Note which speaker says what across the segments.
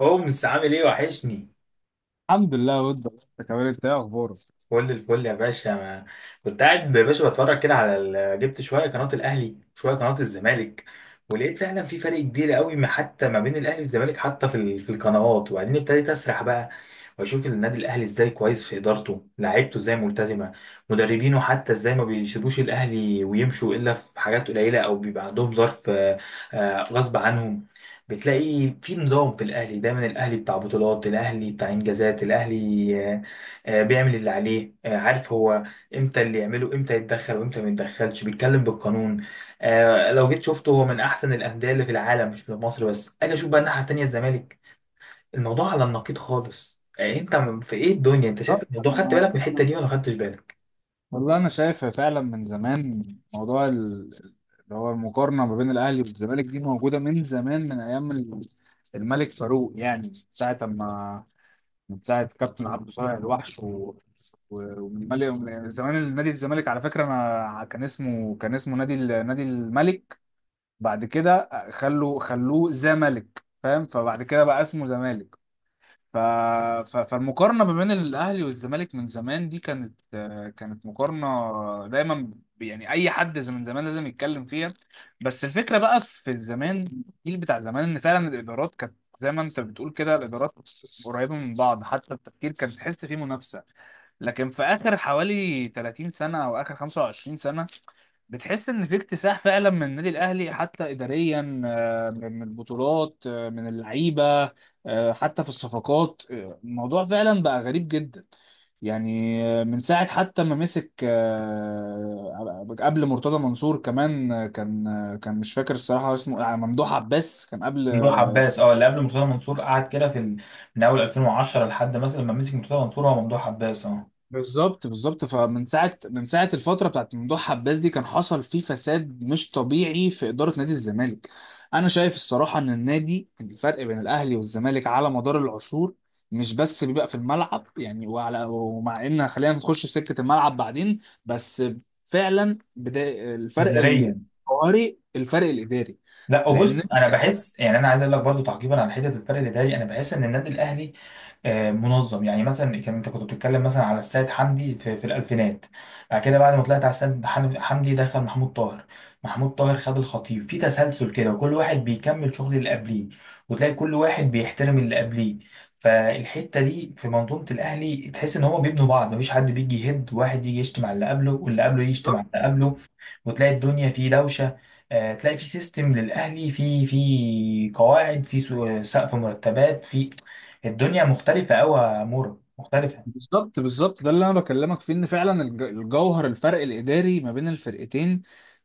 Speaker 1: هومس، عامل ايه؟ وحشني.
Speaker 2: الحمد لله، ود الله، انت كمان، انت ايه اخبارك؟
Speaker 1: كل الفل يا باشا. ما كنت قاعد يا باشا بتفرج كده على جبت شويه قناه الاهلي شويه قناه الزمالك. ولقيت فعلا في فرق كبير قوي ما حتى ما بين الاهلي والزمالك، حتى في القنوات. وبعدين ابتديت اسرح بقى واشوف النادي الاهلي ازاي كويس في ادارته، لعيبته ازاي ملتزمه، مدربينه حتى ازاي ما بيسيبوش الاهلي ويمشوا الا في حاجات قليله او بيبقى عندهم ظرف، غصب عنهم. بتلاقي في نظام في الاهلي، دايما الاهلي بتاع بطولات، الاهلي بتاع انجازات، الاهلي بيعمل اللي عليه، عارف هو امتى اللي يعمله، امتى يتدخل وامتى ما يتدخلش، بيتكلم بالقانون. لو جيت شفته، هو من احسن الانديه اللي في العالم، مش في مصر بس. اجي اشوف بقى الناحيه التانيه، الزمالك. الموضوع على النقيض خالص. انت في ايه الدنيا؟ انت شايف
Speaker 2: بالظبط،
Speaker 1: الموضوع؟
Speaker 2: انا
Speaker 1: خدت
Speaker 2: ما-
Speaker 1: بالك من الحته دي ولا خدتش بالك؟
Speaker 2: والله انا شايف فعلا من زمان موضوع اللي هو المقارنه ما بين الاهلي والزمالك دي موجوده من زمان، من ايام الملك فاروق، يعني من ساعه ما، من ساعه كابتن عبد صالح الوحش ومن ملك، ومن زمان نادي الزمالك، على فكره، انا كان اسمه نادي الملك، بعد كده خلوه زمالك، فاهم؟ فبعد كده بقى اسمه زمالك. ف... فالمقارنة ما بين الأهلي والزمالك من زمان دي كانت، كانت مقارنة دايما، يعني أي حد من زمان لازم يتكلم فيها. بس الفكرة بقى في الزمان، الجيل بتاع زمان، إن فعلا الإدارات كانت، زي ما أنت بتقول كده، الإدارات قريبة من بعض، حتى التفكير كان تحس فيه منافسة. لكن في آخر حوالي 30 سنة أو آخر 25 سنة بتحس ان في اكتساح فعلا من النادي الاهلي، حتى اداريا، من البطولات، من اللعيبه، حتى في الصفقات، الموضوع فعلا بقى غريب جدا. يعني من ساعه، حتى ما مسك، قبل مرتضى منصور كمان، كان مش فاكر الصراحه اسمه، ممدوح عباس كان قبل.
Speaker 1: ممدوح عباس، اه، اللي قبل مرتضى منصور، قعد كده في من اول 2010 لحد مثلا ما مسك مرتضى منصور، هو ممدوح عباس اه.
Speaker 2: بالظبط بالظبط، فمن ساعه، من ساعه، الفتره بتاعت ممدوح عباس دي كان حصل فيه فساد مش طبيعي في اداره نادي الزمالك. انا شايف الصراحه ان النادي، الفرق بين الاهلي والزمالك على مدار العصور مش بس بيبقى في الملعب، يعني، وعلى، ومع ان خلينا نخش في سكه الملعب بعدين، بس فعلا بدا الفرق
Speaker 1: اداريا،
Speaker 2: الجوهري، الفرق الاداري،
Speaker 1: لا
Speaker 2: لان
Speaker 1: وبص، انا بحس يعني، انا عايز اقول لك برضو تعقيبا على حته الفرق الاداري. انا بحس ان النادي الاهلي، منظم. يعني مثلا كان انت كنت بتتكلم مثلا على السيد حمدي في الالفينات، بعد كده بعد ما طلعت على السيد حمدي، دخل محمود طاهر. محمود طاهر خد الخطيب في تسلسل كده، وكل واحد بيكمل شغل اللي قبليه، وتلاقي كل واحد بيحترم اللي قبليه. فالحته دي في منظومه الاهلي، تحس ان هما بيبنوا بعض، مفيش حد بيجي يهد واحد، يجي يشتم على اللي قبله واللي قبله يشتم على اللي قبله وتلاقي الدنيا فيه دوشه. تلاقي في سيستم للاهلي، في في قواعد، في سقف مرتبات، في الدنيا مختلفة أوي يا مورا، مختلفة.
Speaker 2: بالظبط بالظبط، ده اللي انا بكلمك فيه، ان فعلا الجوهر، الفرق الاداري ما بين الفرقتين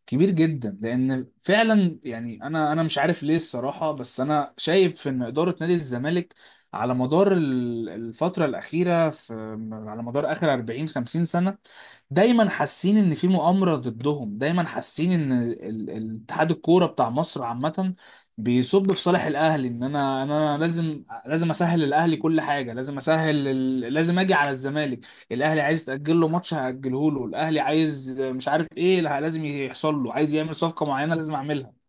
Speaker 2: كبير جدا، لان فعلا، يعني، انا مش عارف ليه الصراحه، بس انا شايف ان اداره نادي الزمالك على مدار الفتره الاخيره، في، على مدار اخر 40 50 سنه، دايما حاسين ان في مؤامره ضدهم، دايما حاسين ان الاتحاد الكوره بتاع مصر عامه بيصب في صالح الاهلي، ان انا، إن انا لازم، لازم اسهل الاهلي كل حاجه، لازم اجي على الزمالك. الاهلي عايز تاجل له ماتش هاجله له، الاهلي عايز مش عارف ايه، لا، لازم يحصل له، عايز يعمل صفقه معينه لازم اعملها.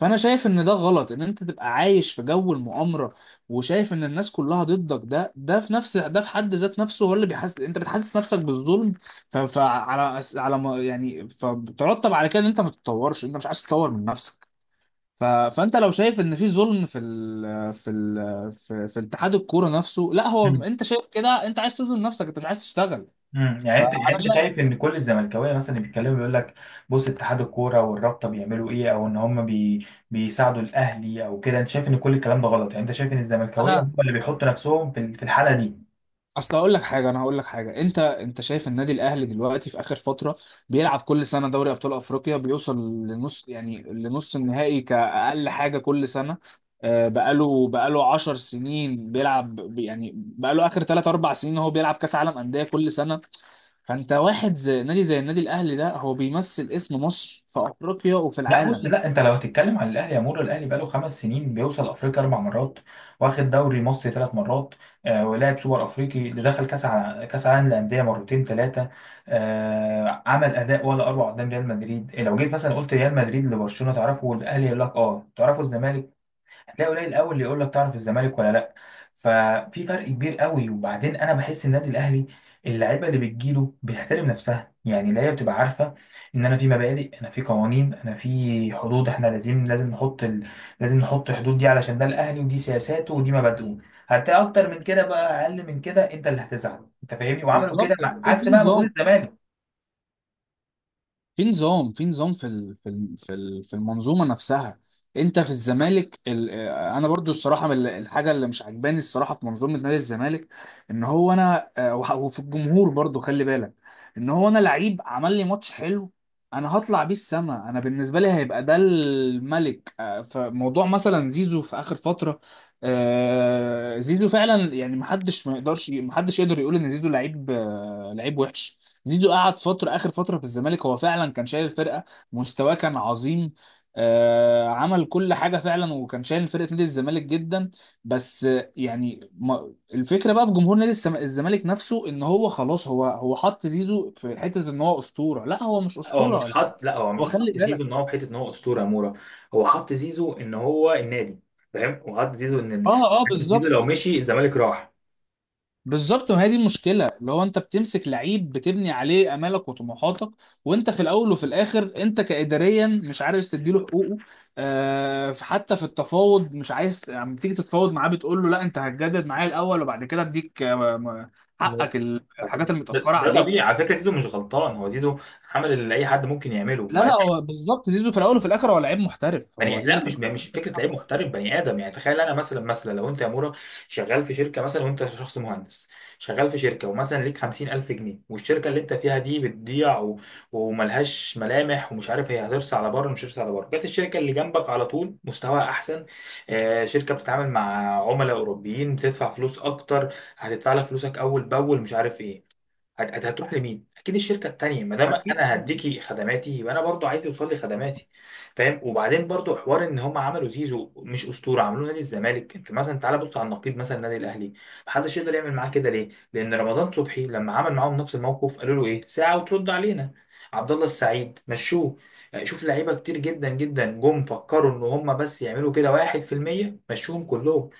Speaker 2: فانا شايف ان ده غلط، ان انت تبقى عايش في جو المؤامره، وشايف ان الناس كلها ضدك، ده، ده في نفس، ده في حد ذات نفسه هو اللي بيحس، انت بتحسس نفسك بالظلم. ف... فعلى على ما- يعني فبترتب على كده ان انت ما تتطورش، انت مش عايز تتطور من نفسك. فانت لو شايف ان في ظلم في اتحاد الكوره نفسه، لا، هو
Speaker 1: مم.
Speaker 2: انت شايف كده، انت عايز تظلم نفسك، انت مش عايز تشتغل.
Speaker 1: يعني
Speaker 2: فانا
Speaker 1: انت، يعني انت
Speaker 2: شا...
Speaker 1: شايف ان كل الزملكاويه مثلا اللي بيتكلموا بيقول لك بص اتحاد الكوره والرابطه بيعملوا ايه، او ان هم بيساعدوا الاهلي او كده، انت شايف ان كل الكلام ده غلط؟ يعني انت شايف ان الزملكاويه
Speaker 2: انا،
Speaker 1: هم اللي بيحطوا نفسهم في في الحاله دي؟
Speaker 2: اصل هقول لك حاجه، انا هقول لك حاجه، انت، انت شايف النادي الاهلي دلوقتي في اخر فتره بيلعب كل سنه دوري ابطال افريقيا، بيوصل لنص، يعني لنص النهائي كاقل حاجه كل سنه، بقاله 10 سنين بيلعب، يعني بقاله اخر 3 4 سنين هو بيلعب كاس عالم انديه كل سنه. فانت واحد زي نادي، زي النادي الاهلي ده، هو بيمثل اسم مصر في افريقيا وفي
Speaker 1: لا بص،
Speaker 2: العالم.
Speaker 1: لا انت لو هتتكلم عن الاهلي يا مورو، الاهلي بقاله 5 سنين بيوصل افريقيا 4 مرات، واخد دوري مصري 3 مرات، آه، ولعب سوبر افريقي، اللي دخل كاس كاس عالم للانديه 2 3 مرات، آه، عمل اداء ولا اروع قدام ريال مدريد. إيه، لو جيت مثلا قلت ريال مدريد لبرشلونه تعرفه، والاهلي يقول لك اه تعرفه، الزمالك هتلاقي قليل قوي اللي يقول لك تعرف الزمالك ولا لا. ففي فرق كبير قوي. وبعدين انا بحس النادي الاهلي اللعيبه اللي بتجيله بتحترم نفسها، يعني اللعيبه بتبقى عارفه ان انا في مبادئ، انا في قوانين، انا في حدود، احنا لازم لازم نحط لازم نحط حدود دي علشان ده الاهلي، ودي سياساته، ودي مبادئه. هتلاقي اكتر من كده بقى اقل من كده، انت اللي هتزعل، انت فاهمني؟ وعملوا كده
Speaker 2: بالظبط،
Speaker 1: مع
Speaker 2: في
Speaker 1: عكس بقى موجود
Speaker 2: نظام،
Speaker 1: الزمالك.
Speaker 2: في المنظومه نفسها، انت في الزمالك، انا برضو الصراحه من الحاجه اللي مش عجباني الصراحه في منظومه نادي الزمالك، ان هو انا، وفي الجمهور برضو، خلي بالك، ان هو انا لعيب عمل لي ماتش حلو، انا هطلع بيه السما، انا بالنسبه لي هيبقى ده الملك. فموضوع مثلا زيزو في اخر فتره، زيزو فعلا، يعني، محدش ما يقدرش، محدش يقدر يقول ان زيزو لعيب، لعيب وحش. زيزو قعد فترة، آخر فترة في الزمالك هو فعلا كان شايل الفرقة، مستواه كان عظيم، آه عمل كل حاجة فعلا، وكان شايل فرقة نادي الزمالك جدا. بس يعني، ما الفكرة بقى في جمهور نادي الزمالك نفسه، إن هو خلاص، هو حط زيزو في حتة إن هو أسطورة. لا، هو مش
Speaker 1: هو
Speaker 2: أسطورة
Speaker 1: مش
Speaker 2: ولا حاجة.
Speaker 1: حط، لا هو
Speaker 2: هو
Speaker 1: مش
Speaker 2: خلي
Speaker 1: حط زيزو ان
Speaker 2: بالك.
Speaker 1: هو في حته ان هو اسطوره مورا. هو حط زيزو ان هو النادي، فاهم، وحط زيزو ان
Speaker 2: اه اه،
Speaker 1: زيزو لو
Speaker 2: بالظبط
Speaker 1: مشي الزمالك راح.
Speaker 2: بالظبط، ما هي دي المشكله، اللي هو انت بتمسك لعيب بتبني عليه امالك وطموحاتك، وانت في الاول وفي الاخر انت كاداريا مش عارف تديله حقوقه، آه حتى في التفاوض مش عايز، لما تيجي تتفاوض معاه بتقول له لا انت هتجدد معايا الاول وبعد كده اديك، حقك، الحاجات
Speaker 1: ده,
Speaker 2: المتاخره
Speaker 1: ده
Speaker 2: عليك.
Speaker 1: طبيعي على فكره، زيزو مش غلطان، هو زيزو عمل اللي اي حد ممكن يعمله.
Speaker 2: لا لا، هو بالظبط زيزو في الاول وفي الاخر هو لعيب محترف، هو
Speaker 1: بني،
Speaker 2: زيزو
Speaker 1: لا
Speaker 2: في
Speaker 1: مش
Speaker 2: الأول
Speaker 1: مش
Speaker 2: وفي
Speaker 1: فكره
Speaker 2: الآخر،
Speaker 1: لعيب محترف، بني ادم. يعني تخيل انا مثلا، مثلا لو انت يا مورا شغال في شركه مثلا وانت شخص مهندس، شغال في شركه ومثلا ليك 50000 جنيه، والشركه اللي انت فيها دي بتضيع وملهاش ملامح، ومش عارف هي هترسى على بره مش هترسى على بره، جت الشركه اللي جنبك على طول، مستواها احسن، آه، شركه بتتعامل مع عملاء اوروبيين، بتدفع فلوس اكتر، هتدفع لك فلوسك اول باول، مش عارف ايه، هتروح لمين؟ اكيد الشركه التانيه. ما دام
Speaker 2: اكيد.
Speaker 1: انا هديكي خدماتي، يبقى انا برضو عايز يوصل لي خدماتي. فاهم؟ وبعدين برضو حوار ان هم عملوا زيزو مش اسطوره، عملوه نادي الزمالك. انت مثلا تعالى بص على النقيض مثلا، النادي الاهلي محدش يقدر يعمل معاه كده. ليه؟ لان رمضان صبحي لما عمل معاهم نفس الموقف قالوا له ايه؟ ساعه وترد علينا. عبد الله السعيد مشوه. يعني شوف لعيبه كتير جدا جدا جم فكروا ان هم بس يعملوا كده 1% مشوهم كلهم.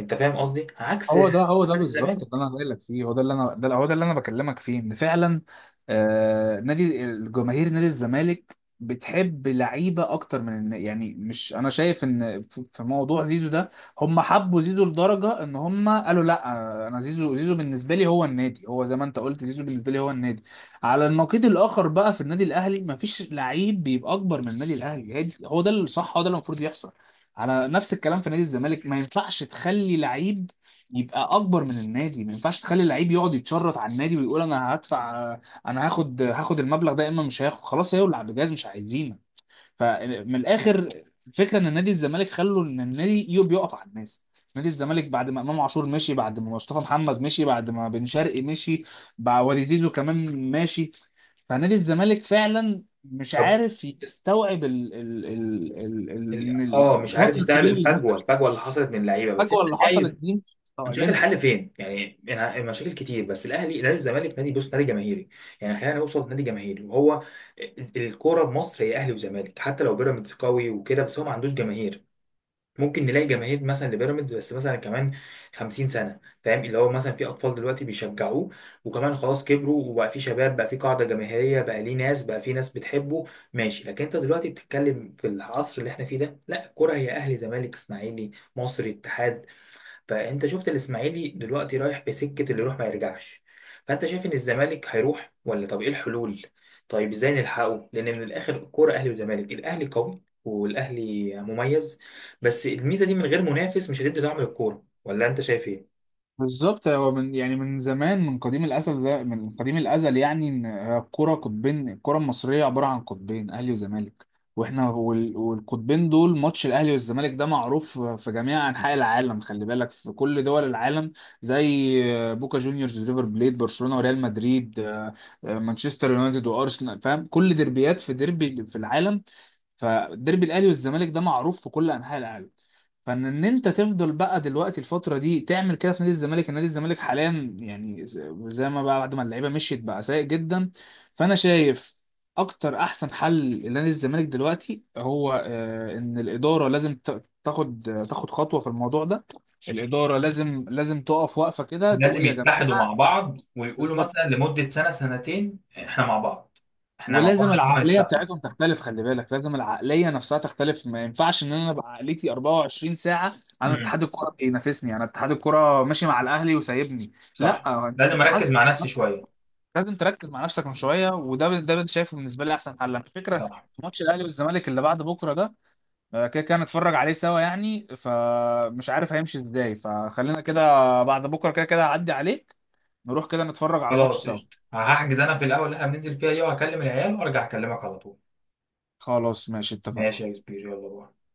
Speaker 1: انت فاهم قصدي؟ عكس،
Speaker 2: هو ده، هو ده
Speaker 1: عكس الزمالك.
Speaker 2: بالظبط اللي انا قايل لك فيه، هو ده اللي انا، ده، هو ده اللي انا بكلمك فيه ان فعلا، آه، نادي الجماهير، نادي الزمالك بتحب لعيبه اكتر يعني، مش، انا شايف ان في، في موضوع زيزو ده، هم حبوا زيزو لدرجه ان هم قالوا لا، انا، زيزو، زيزو بالنسبه لي هو النادي، هو زي ما انت قلت زيزو بالنسبه لي هو النادي. على النقيض الاخر بقى في النادي الاهلي مفيش لعيب بيبقى اكبر من النادي الاهلي، هو ده الصح، هو ده اللي المفروض يحصل، على نفس الكلام في نادي الزمالك ما ينفعش تخلي لعيب يبقى اكبر من النادي، ما ينفعش تخلي اللعيب يقعد يتشرط على النادي ويقول انا هدفع، انا هاخد المبلغ ده، يا اما مش هاخد، خلاص، يولع بجاز، مش عايزينه. فمن الاخر، الفكره ان نادي الزمالك خلوا ان النادي بيقف على الناس. نادي الزمالك بعد ما امام عاشور مشي، بعد ما مصطفى محمد مشي، بعد ما بن شرقي مشي، بعد وليد زيزو كمان ماشي. فنادي الزمالك فعلا مش عارف يستوعب إن
Speaker 1: اه مش عارف
Speaker 2: الفتره
Speaker 1: يستوعب
Speaker 2: الكبيره اللي،
Speaker 1: الفجوه، الفجوه اللي حصلت من اللعيبه. بس
Speaker 2: فجوه
Speaker 1: انت
Speaker 2: اللي حصلت
Speaker 1: شايف،
Speaker 2: دي مش
Speaker 1: انت شايف
Speaker 2: مستوعبينها.
Speaker 1: الحل فين يعني؟ المشاكل كتير. بس الاهلي نادي، الزمالك نادي، بص نادي جماهيري، يعني خلينا نوصل نادي جماهيري. وهو الكوره بمصر هي اهلي وزمالك، حتى لو بيراميدز قوي وكده بس هو ما عندوش جماهير. ممكن نلاقي جماهير مثلا لبيراميدز، بس مثلا كمان 50 سنه، فاهم، اللي هو مثلا في اطفال دلوقتي بيشجعوه وكمان خلاص كبروا وبقى في شباب، بقى في قاعده جماهيريه، بقى ليه ناس، بقى في ناس بتحبه، ماشي. لكن انت دلوقتي بتتكلم في العصر اللي احنا فيه ده، لا الكوره هي اهلي، زمالك، اسماعيلي، مصري، اتحاد. فانت شفت الاسماعيلي دلوقتي رايح بسكه اللي يروح ما يرجعش. فانت شايف ان الزمالك هيروح، ولا طب ايه الحلول؟ طيب ازاي نلحقه؟ لان من الاخر، الكوره اهلي وزمالك، الاهلي قوي والاهلي مميز، بس الميزه دي من غير منافس مش هتدي دعم للكوره، ولا انت شايف ايه؟
Speaker 2: بالظبط. هو من، يعني، من زمان، من قديم الازل، زي من قديم الازل، يعني ان الكوره قطبين، الكوره المصريه عباره عن قطبين، اهلي وزمالك، واحنا والقطبين دول، ماتش الاهلي والزمالك ده معروف في جميع انحاء العالم، خلي بالك، في كل دول العالم، زي بوكا جونيورز، ريفر بليت، برشلونه وريال مدريد، مانشستر يونايتد وارسنال، فاهم؟ كل ديربيات، في ديربي في العالم، فالديربي الاهلي والزمالك ده معروف في كل انحاء العالم. فان انت تفضل بقى دلوقتي الفتره دي تعمل كده في نادي الزمالك، النادي الزمالك حاليا، يعني، زي ما بقى بعد ما اللعيبه مشيت بقى سيء جدا. فانا شايف اكتر، احسن حل لنادي الزمالك دلوقتي هو، ان الاداره لازم تاخد خطوه في الموضوع ده. الاداره لازم، لازم تقف، واقفه كده
Speaker 1: لازم
Speaker 2: تقول يا جماعه.
Speaker 1: يتحدوا مع بعض ويقولوا
Speaker 2: بالظبط،
Speaker 1: مثلا لمدة سنة سنتين احنا مع بعض، احنا مع
Speaker 2: ولازم
Speaker 1: بعض يا جماعة
Speaker 2: العقليه
Speaker 1: هنستحمل.
Speaker 2: بتاعتهم تختلف، خلي بالك، لازم العقليه نفسها تختلف، ما ينفعش ان انا ابقى عقليتي 24 ساعه انا
Speaker 1: امم
Speaker 2: اتحاد الكوره بينافسني، انا اتحاد الكوره ماشي مع الاهلي وسايبني.
Speaker 1: صح،
Speaker 2: لا،
Speaker 1: لازم
Speaker 2: انت
Speaker 1: اركز
Speaker 2: حاسس،
Speaker 1: مع نفسي شوية.
Speaker 2: لازم تركز مع نفسك من شويه، وده، ده اللي شايفه بالنسبه لي احسن حل، على فكره.
Speaker 1: صح.
Speaker 2: ماتش الاهلي والزمالك اللي بعد بكره ده، كده كده نتفرج عليه سوا، يعني، فمش عارف هيمشي ازاي، فخلينا كده، بعد بكره كده كده هعدي عليك، نروح كده نتفرج على الماتش
Speaker 1: خلاص
Speaker 2: سوا.
Speaker 1: قشطة، هحجز انا في الاول اللي احنا بننزل فيها دي، وهكلم العيال وارجع اكلمك على طول.
Speaker 2: خلاص ماشي،
Speaker 1: ماشي
Speaker 2: اتفقنا.
Speaker 1: يا كبير، يلا باي.